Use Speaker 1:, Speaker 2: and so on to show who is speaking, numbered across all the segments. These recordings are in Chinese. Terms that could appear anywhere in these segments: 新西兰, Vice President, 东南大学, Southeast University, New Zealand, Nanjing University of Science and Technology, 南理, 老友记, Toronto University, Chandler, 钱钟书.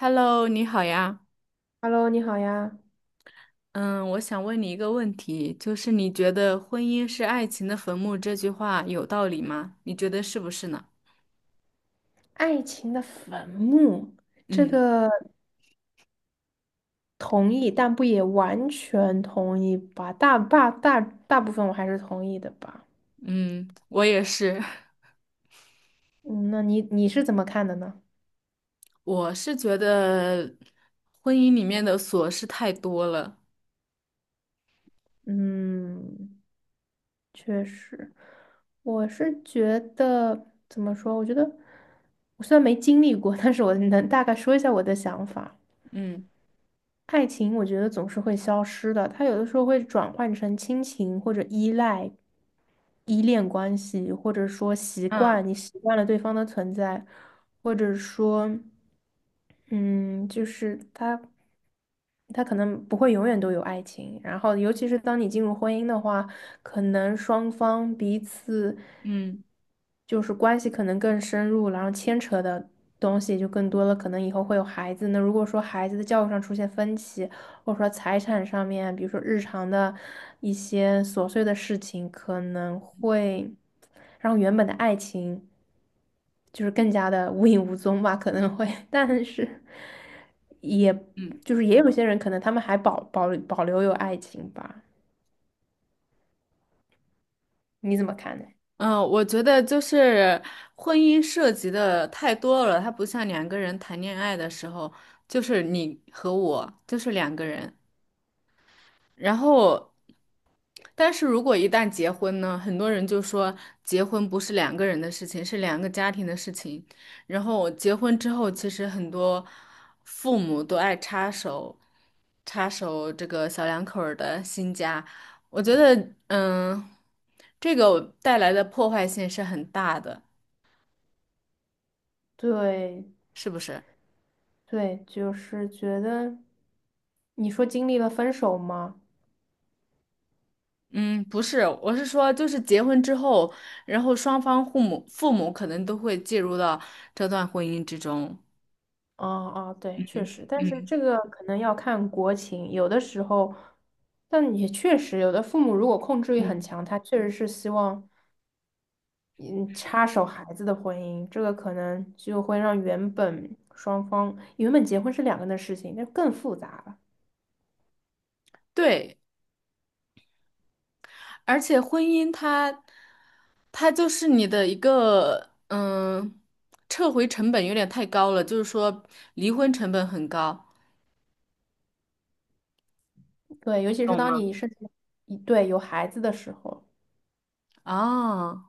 Speaker 1: Hello，你好呀。
Speaker 2: Hello,你好呀。
Speaker 1: 嗯，我想问你一个问题，就是你觉得"婚姻是爱情的坟墓"这句话有道理吗？你觉得是不是呢？
Speaker 2: 爱情的坟墓，这
Speaker 1: 嗯
Speaker 2: 个同意，但不也完全同意吧？大部分我还是同意的吧。
Speaker 1: 嗯，我也是，
Speaker 2: 嗯，那你是怎么看的呢？
Speaker 1: 我是觉得婚姻里面的琐事太多了。
Speaker 2: 嗯，确实，我是觉得怎么说？我觉得我虽然没经历过，但是我能大概说一下我的想法。
Speaker 1: 嗯
Speaker 2: 爱情我觉得总是会消失的，它有的时候会转换成亲情或者依赖、依恋关系，或者说习
Speaker 1: 嗯
Speaker 2: 惯，你习惯了对方的存在，或者说，嗯，就是它可能不会永远都有爱情。然后，尤其是当你进入婚姻的话，可能双方彼此
Speaker 1: 嗯
Speaker 2: 就是关系可能更深入，然后牵扯的东西就更多了，可能以后会有孩子。那如果说孩子的教育上出现分歧，或者说财产上面，比如说日常的一些琐碎的事情，可能会让原本的爱情就是更加的无影无踪吧，可能会，但是也
Speaker 1: 嗯
Speaker 2: 就是也有些人可能他们还保留有爱情吧，你怎么看呢？
Speaker 1: 嗯，我觉得就是婚姻涉及的太多了，它不像两个人谈恋爱的时候，就是你和我，就是两个人。然后，但是如果一旦结婚呢，很多人就说结婚不是两个人的事情，是两个家庭的事情。然后结婚之后，其实很多父母都爱插手，插手这个小两口儿的新家。我觉得，嗯，这个带来的破坏性是很大的，
Speaker 2: 对
Speaker 1: 是不是？
Speaker 2: 对，就是觉得你说经历了分手吗？
Speaker 1: 嗯，不是，我是说，就是结婚之后，然后双方父母可能都会介入到这段婚姻之中。
Speaker 2: 哦哦，对，确实，但是
Speaker 1: 嗯
Speaker 2: 这个可能要看国情，有的时候，但也确实，有的父母如果控制欲
Speaker 1: 嗯，
Speaker 2: 很强，他确实是希望嗯插手孩子的婚姻，这个可能就会让原本双方原本结婚是两个人的事情，那更复杂了。
Speaker 1: 对，而且婚姻它就是你的一个，嗯，撤回成本有点太高了，就是说离婚成本很高。
Speaker 2: 对，尤其是
Speaker 1: 懂
Speaker 2: 当
Speaker 1: 吗？
Speaker 2: 你是一对有孩子的时候，
Speaker 1: 啊，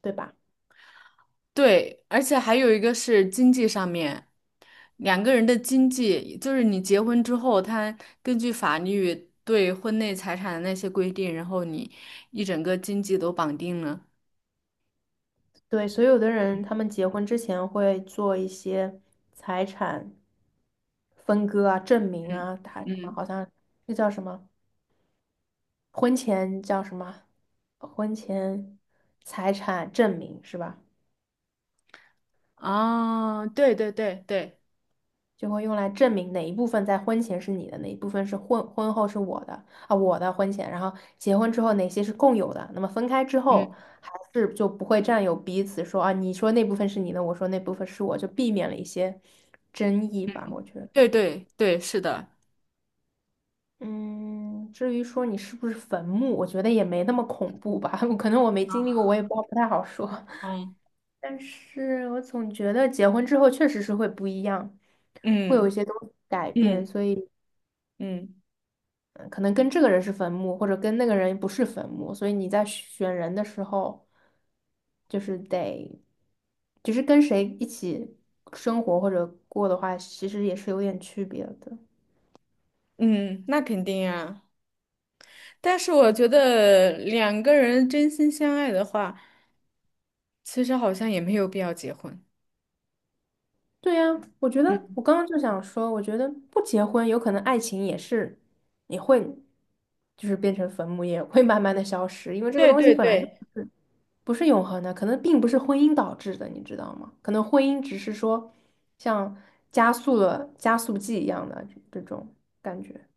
Speaker 2: 对吧？
Speaker 1: 对，而且还有一个是经济上面，两个人的经济，就是你结婚之后，他根据法律对婚内财产的那些规定，然后你一整个经济都绑定了。
Speaker 2: 对，所以有的人他们结婚之前会做一些财产分割啊、证明
Speaker 1: 嗯
Speaker 2: 啊，他什么
Speaker 1: 嗯
Speaker 2: 好像这叫什么？婚前叫什么？婚前财产证明是吧？
Speaker 1: 啊，对对对对。
Speaker 2: 就会用来证明哪一部分在婚前是你的，哪一部分是婚后是我的啊，我的婚前，然后结婚之后哪些是共有的，那么分开之后
Speaker 1: 嗯。
Speaker 2: 还是就不会占有彼此说啊，你说那部分是你的，我说那部分是我，就避免了一些争议吧，我觉得。
Speaker 1: 对对对，是的，
Speaker 2: 嗯，至于说你是不是坟墓，我觉得也没那么恐怖吧，可能我没经历过，我也不太好说。
Speaker 1: 嗯，
Speaker 2: 但是我总觉得结婚之后确实是会不一样，会有
Speaker 1: 嗯
Speaker 2: 一些东西改变，
Speaker 1: 嗯
Speaker 2: 所以
Speaker 1: 嗯
Speaker 2: 可能跟这个人是坟墓，或者跟那个人不是坟墓，所以你在选人的时候，就是得，就是跟谁一起生活或者过的话，其实也是有点区别的。
Speaker 1: 嗯，那肯定啊。但是我觉得两个人真心相爱的话，其实好像也没有必要结婚。
Speaker 2: 对呀，我觉得我
Speaker 1: 嗯，
Speaker 2: 刚刚就想说，我觉得不结婚，有可能爱情也是，也会就是变成坟墓，也会慢慢的消失，因为这个
Speaker 1: 对
Speaker 2: 东西
Speaker 1: 对
Speaker 2: 本来就。
Speaker 1: 对，
Speaker 2: 是。不是永恒的，可能并不是婚姻导致的，你知道吗？可能婚姻只是说像加速了加速剂一样的这种感觉。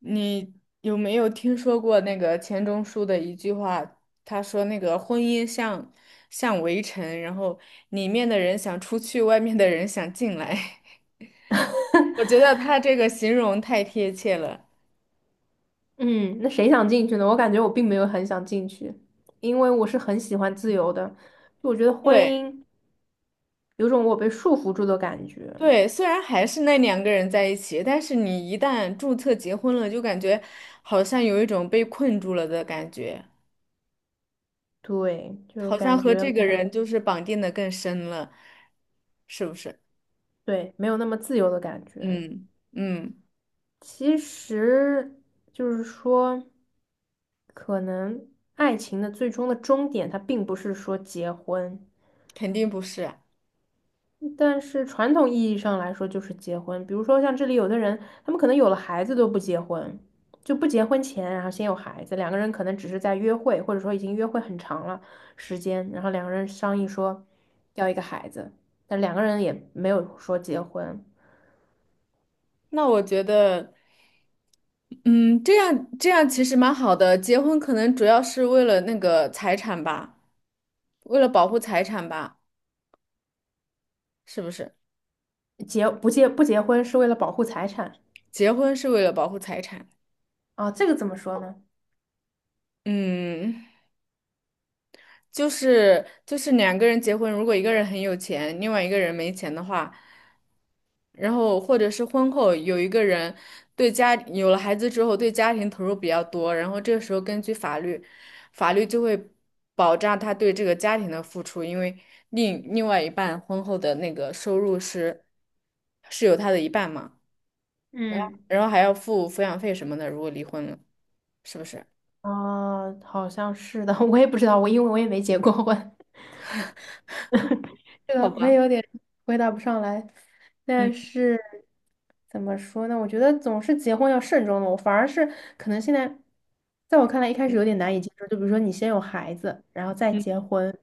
Speaker 1: 你有没有听说过那个钱钟书的一句话？他说那个婚姻像围城，然后里面的人想出去，外面的人想进来。我觉得他这个形容太贴切了。
Speaker 2: 嗯，那谁想进去呢？我感觉我并没有很想进去，因为我是很喜欢自由的，就我觉得婚
Speaker 1: 对。
Speaker 2: 姻有种我被束缚住的感觉，
Speaker 1: 对，虽然还是那两个人在一起，但是你一旦注册结婚了，就感觉好像有一种被困住了的感觉，
Speaker 2: 对，就
Speaker 1: 好像
Speaker 2: 感
Speaker 1: 和
Speaker 2: 觉
Speaker 1: 这
Speaker 2: 没
Speaker 1: 个
Speaker 2: 有，
Speaker 1: 人就是绑定的更深了，是不是？
Speaker 2: 对，没有那么自由的感觉。
Speaker 1: 嗯嗯，
Speaker 2: 其实就是说，可能爱情的最终的终点，它并不是说结婚，
Speaker 1: 肯定不是啊。
Speaker 2: 但是传统意义上来说就是结婚。比如说像这里有的人，他们可能有了孩子都不结婚，就不结婚前，然后先有孩子，两个人可能只是在约会，或者说已经约会很长了时间，然后两个人商议说要一个孩子，但两个人也没有说结婚，
Speaker 1: 那我觉得，嗯，这样这样其实蛮好的。结婚可能主要是为了那个财产吧，为了保护财产吧，是不是？
Speaker 2: 结不结婚是为了保护财产
Speaker 1: 结婚是为了保护财产。
Speaker 2: 啊，这个怎么说呢？
Speaker 1: 嗯。就是两个人结婚，如果一个人很有钱，另外一个人没钱的话，然后或者是婚后有一个人对家有了孩子之后对家庭投入比较多，然后这个时候根据法律，法律就会保障他对这个家庭的付出，因为另外一半婚后的那个收入是有他的一半嘛，
Speaker 2: 嗯
Speaker 1: 然后还要付抚养费什么的，如果离婚了，是不是？
Speaker 2: 啊，好像是的，我也不知道，我因为我也没结过婚，这
Speaker 1: 好
Speaker 2: 个我也
Speaker 1: 吧。
Speaker 2: 有点回答不上来。
Speaker 1: 嗯。
Speaker 2: 但是怎么说呢？我觉得总是结婚要慎重的，我反而是可能现在，在我看来一开始有点难以接受，就比如说你先有孩子，然后再结
Speaker 1: 嗯
Speaker 2: 婚，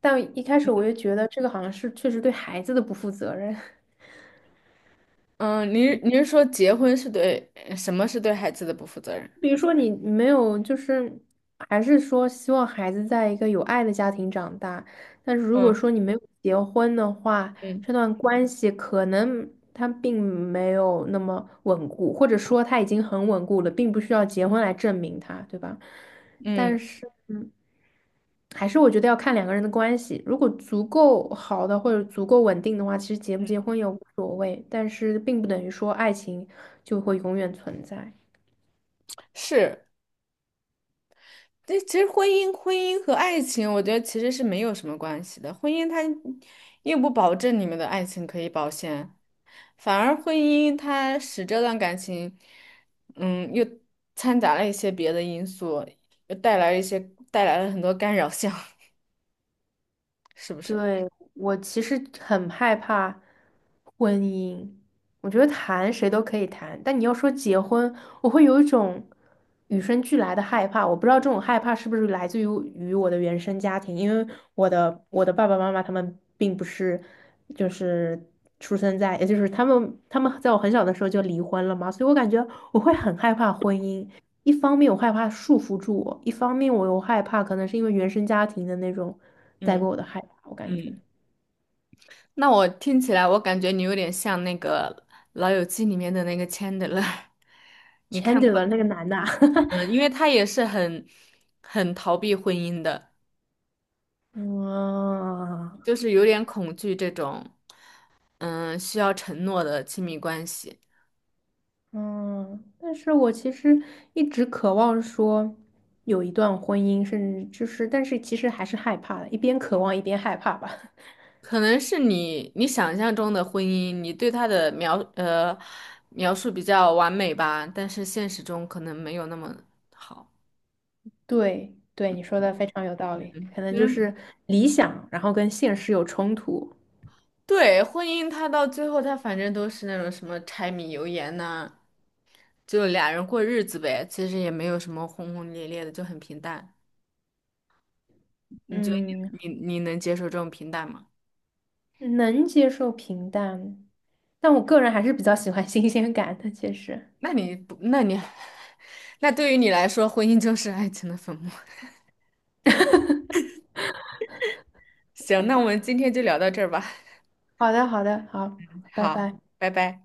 Speaker 2: 但一开始我就觉得这个好像是确实对孩子的不负责任。
Speaker 1: 嗯，您 您是说结婚是对什么是对孩子的不负责任？
Speaker 2: 比如说你没有，就是还是说希望孩子在一个有爱的家庭长大，但是如果
Speaker 1: 嗯
Speaker 2: 说你没有结婚的话，
Speaker 1: 嗯
Speaker 2: 这段关系可能它并没有那么稳固，或者说它已经很稳固了，并不需要结婚来证明它，对吧？
Speaker 1: 嗯
Speaker 2: 但是还是我觉得要看两个人的关系，如果足够好的或者足够稳定的话，其实结不结
Speaker 1: 嗯，
Speaker 2: 婚也无所谓，但是并不等于说爱情就会永远存在。
Speaker 1: 是。这其实婚姻和爱情，我觉得其实是没有什么关系的。婚姻它又不保证你们的爱情可以保鲜，反而婚姻它使这段感情，嗯，又掺杂了一些别的因素，又带来了很多干扰项，是不是？
Speaker 2: 对，我其实很害怕婚姻，我觉得谈谁都可以谈，但你要说结婚，我会有一种与生俱来的害怕。我不知道这种害怕是不是来自于我的原生家庭，因为我的爸爸妈妈他们并不是就是出生在，也就是他们在我很小的时候就离婚了嘛，所以我感觉我会很害怕婚姻。一方面我害怕束缚住我，一方面我又害怕可能是因为原生家庭的那种。带
Speaker 1: 嗯
Speaker 2: 过我的害怕，我感觉
Speaker 1: 嗯。那我听起来，我感觉你有点像那个《老友记》里面的那个 Chandler，
Speaker 2: c
Speaker 1: 你
Speaker 2: h a n
Speaker 1: 看
Speaker 2: d e
Speaker 1: 过
Speaker 2: r 那
Speaker 1: 的？
Speaker 2: 个男的啊，
Speaker 1: 嗯，因为他也是很逃避婚姻的，
Speaker 2: 嗯
Speaker 1: 就是有点恐惧这种，需要承诺的亲密关系。
Speaker 2: 嗯，但是我其实一直渴望说有一段婚姻，甚至就是，但是其实还是害怕的，一边渴望一边害怕吧。
Speaker 1: 可能是你想象中的婚姻，你对他的描述比较完美吧，但是现实中可能没有那么好。
Speaker 2: 对对，你说的非常有道理，可能就
Speaker 1: 嗯，
Speaker 2: 是理想，然后跟现实有冲突。
Speaker 1: 对，婚姻它到最后，它反正都是那种什么柴米油盐呐、就俩人过日子呗，其实也没有什么轰轰烈烈的，就很平淡。你觉得
Speaker 2: 嗯，
Speaker 1: 你能接受这种平淡吗？
Speaker 2: 能接受平淡，但我个人还是比较喜欢新鲜感的，其实。
Speaker 1: 那你不，那你，那对于你来说，婚姻就是爱情的坟墓。行，那我们今天就聊到这儿吧。
Speaker 2: 好的，好的，好，拜
Speaker 1: 好，
Speaker 2: 拜。
Speaker 1: 拜拜。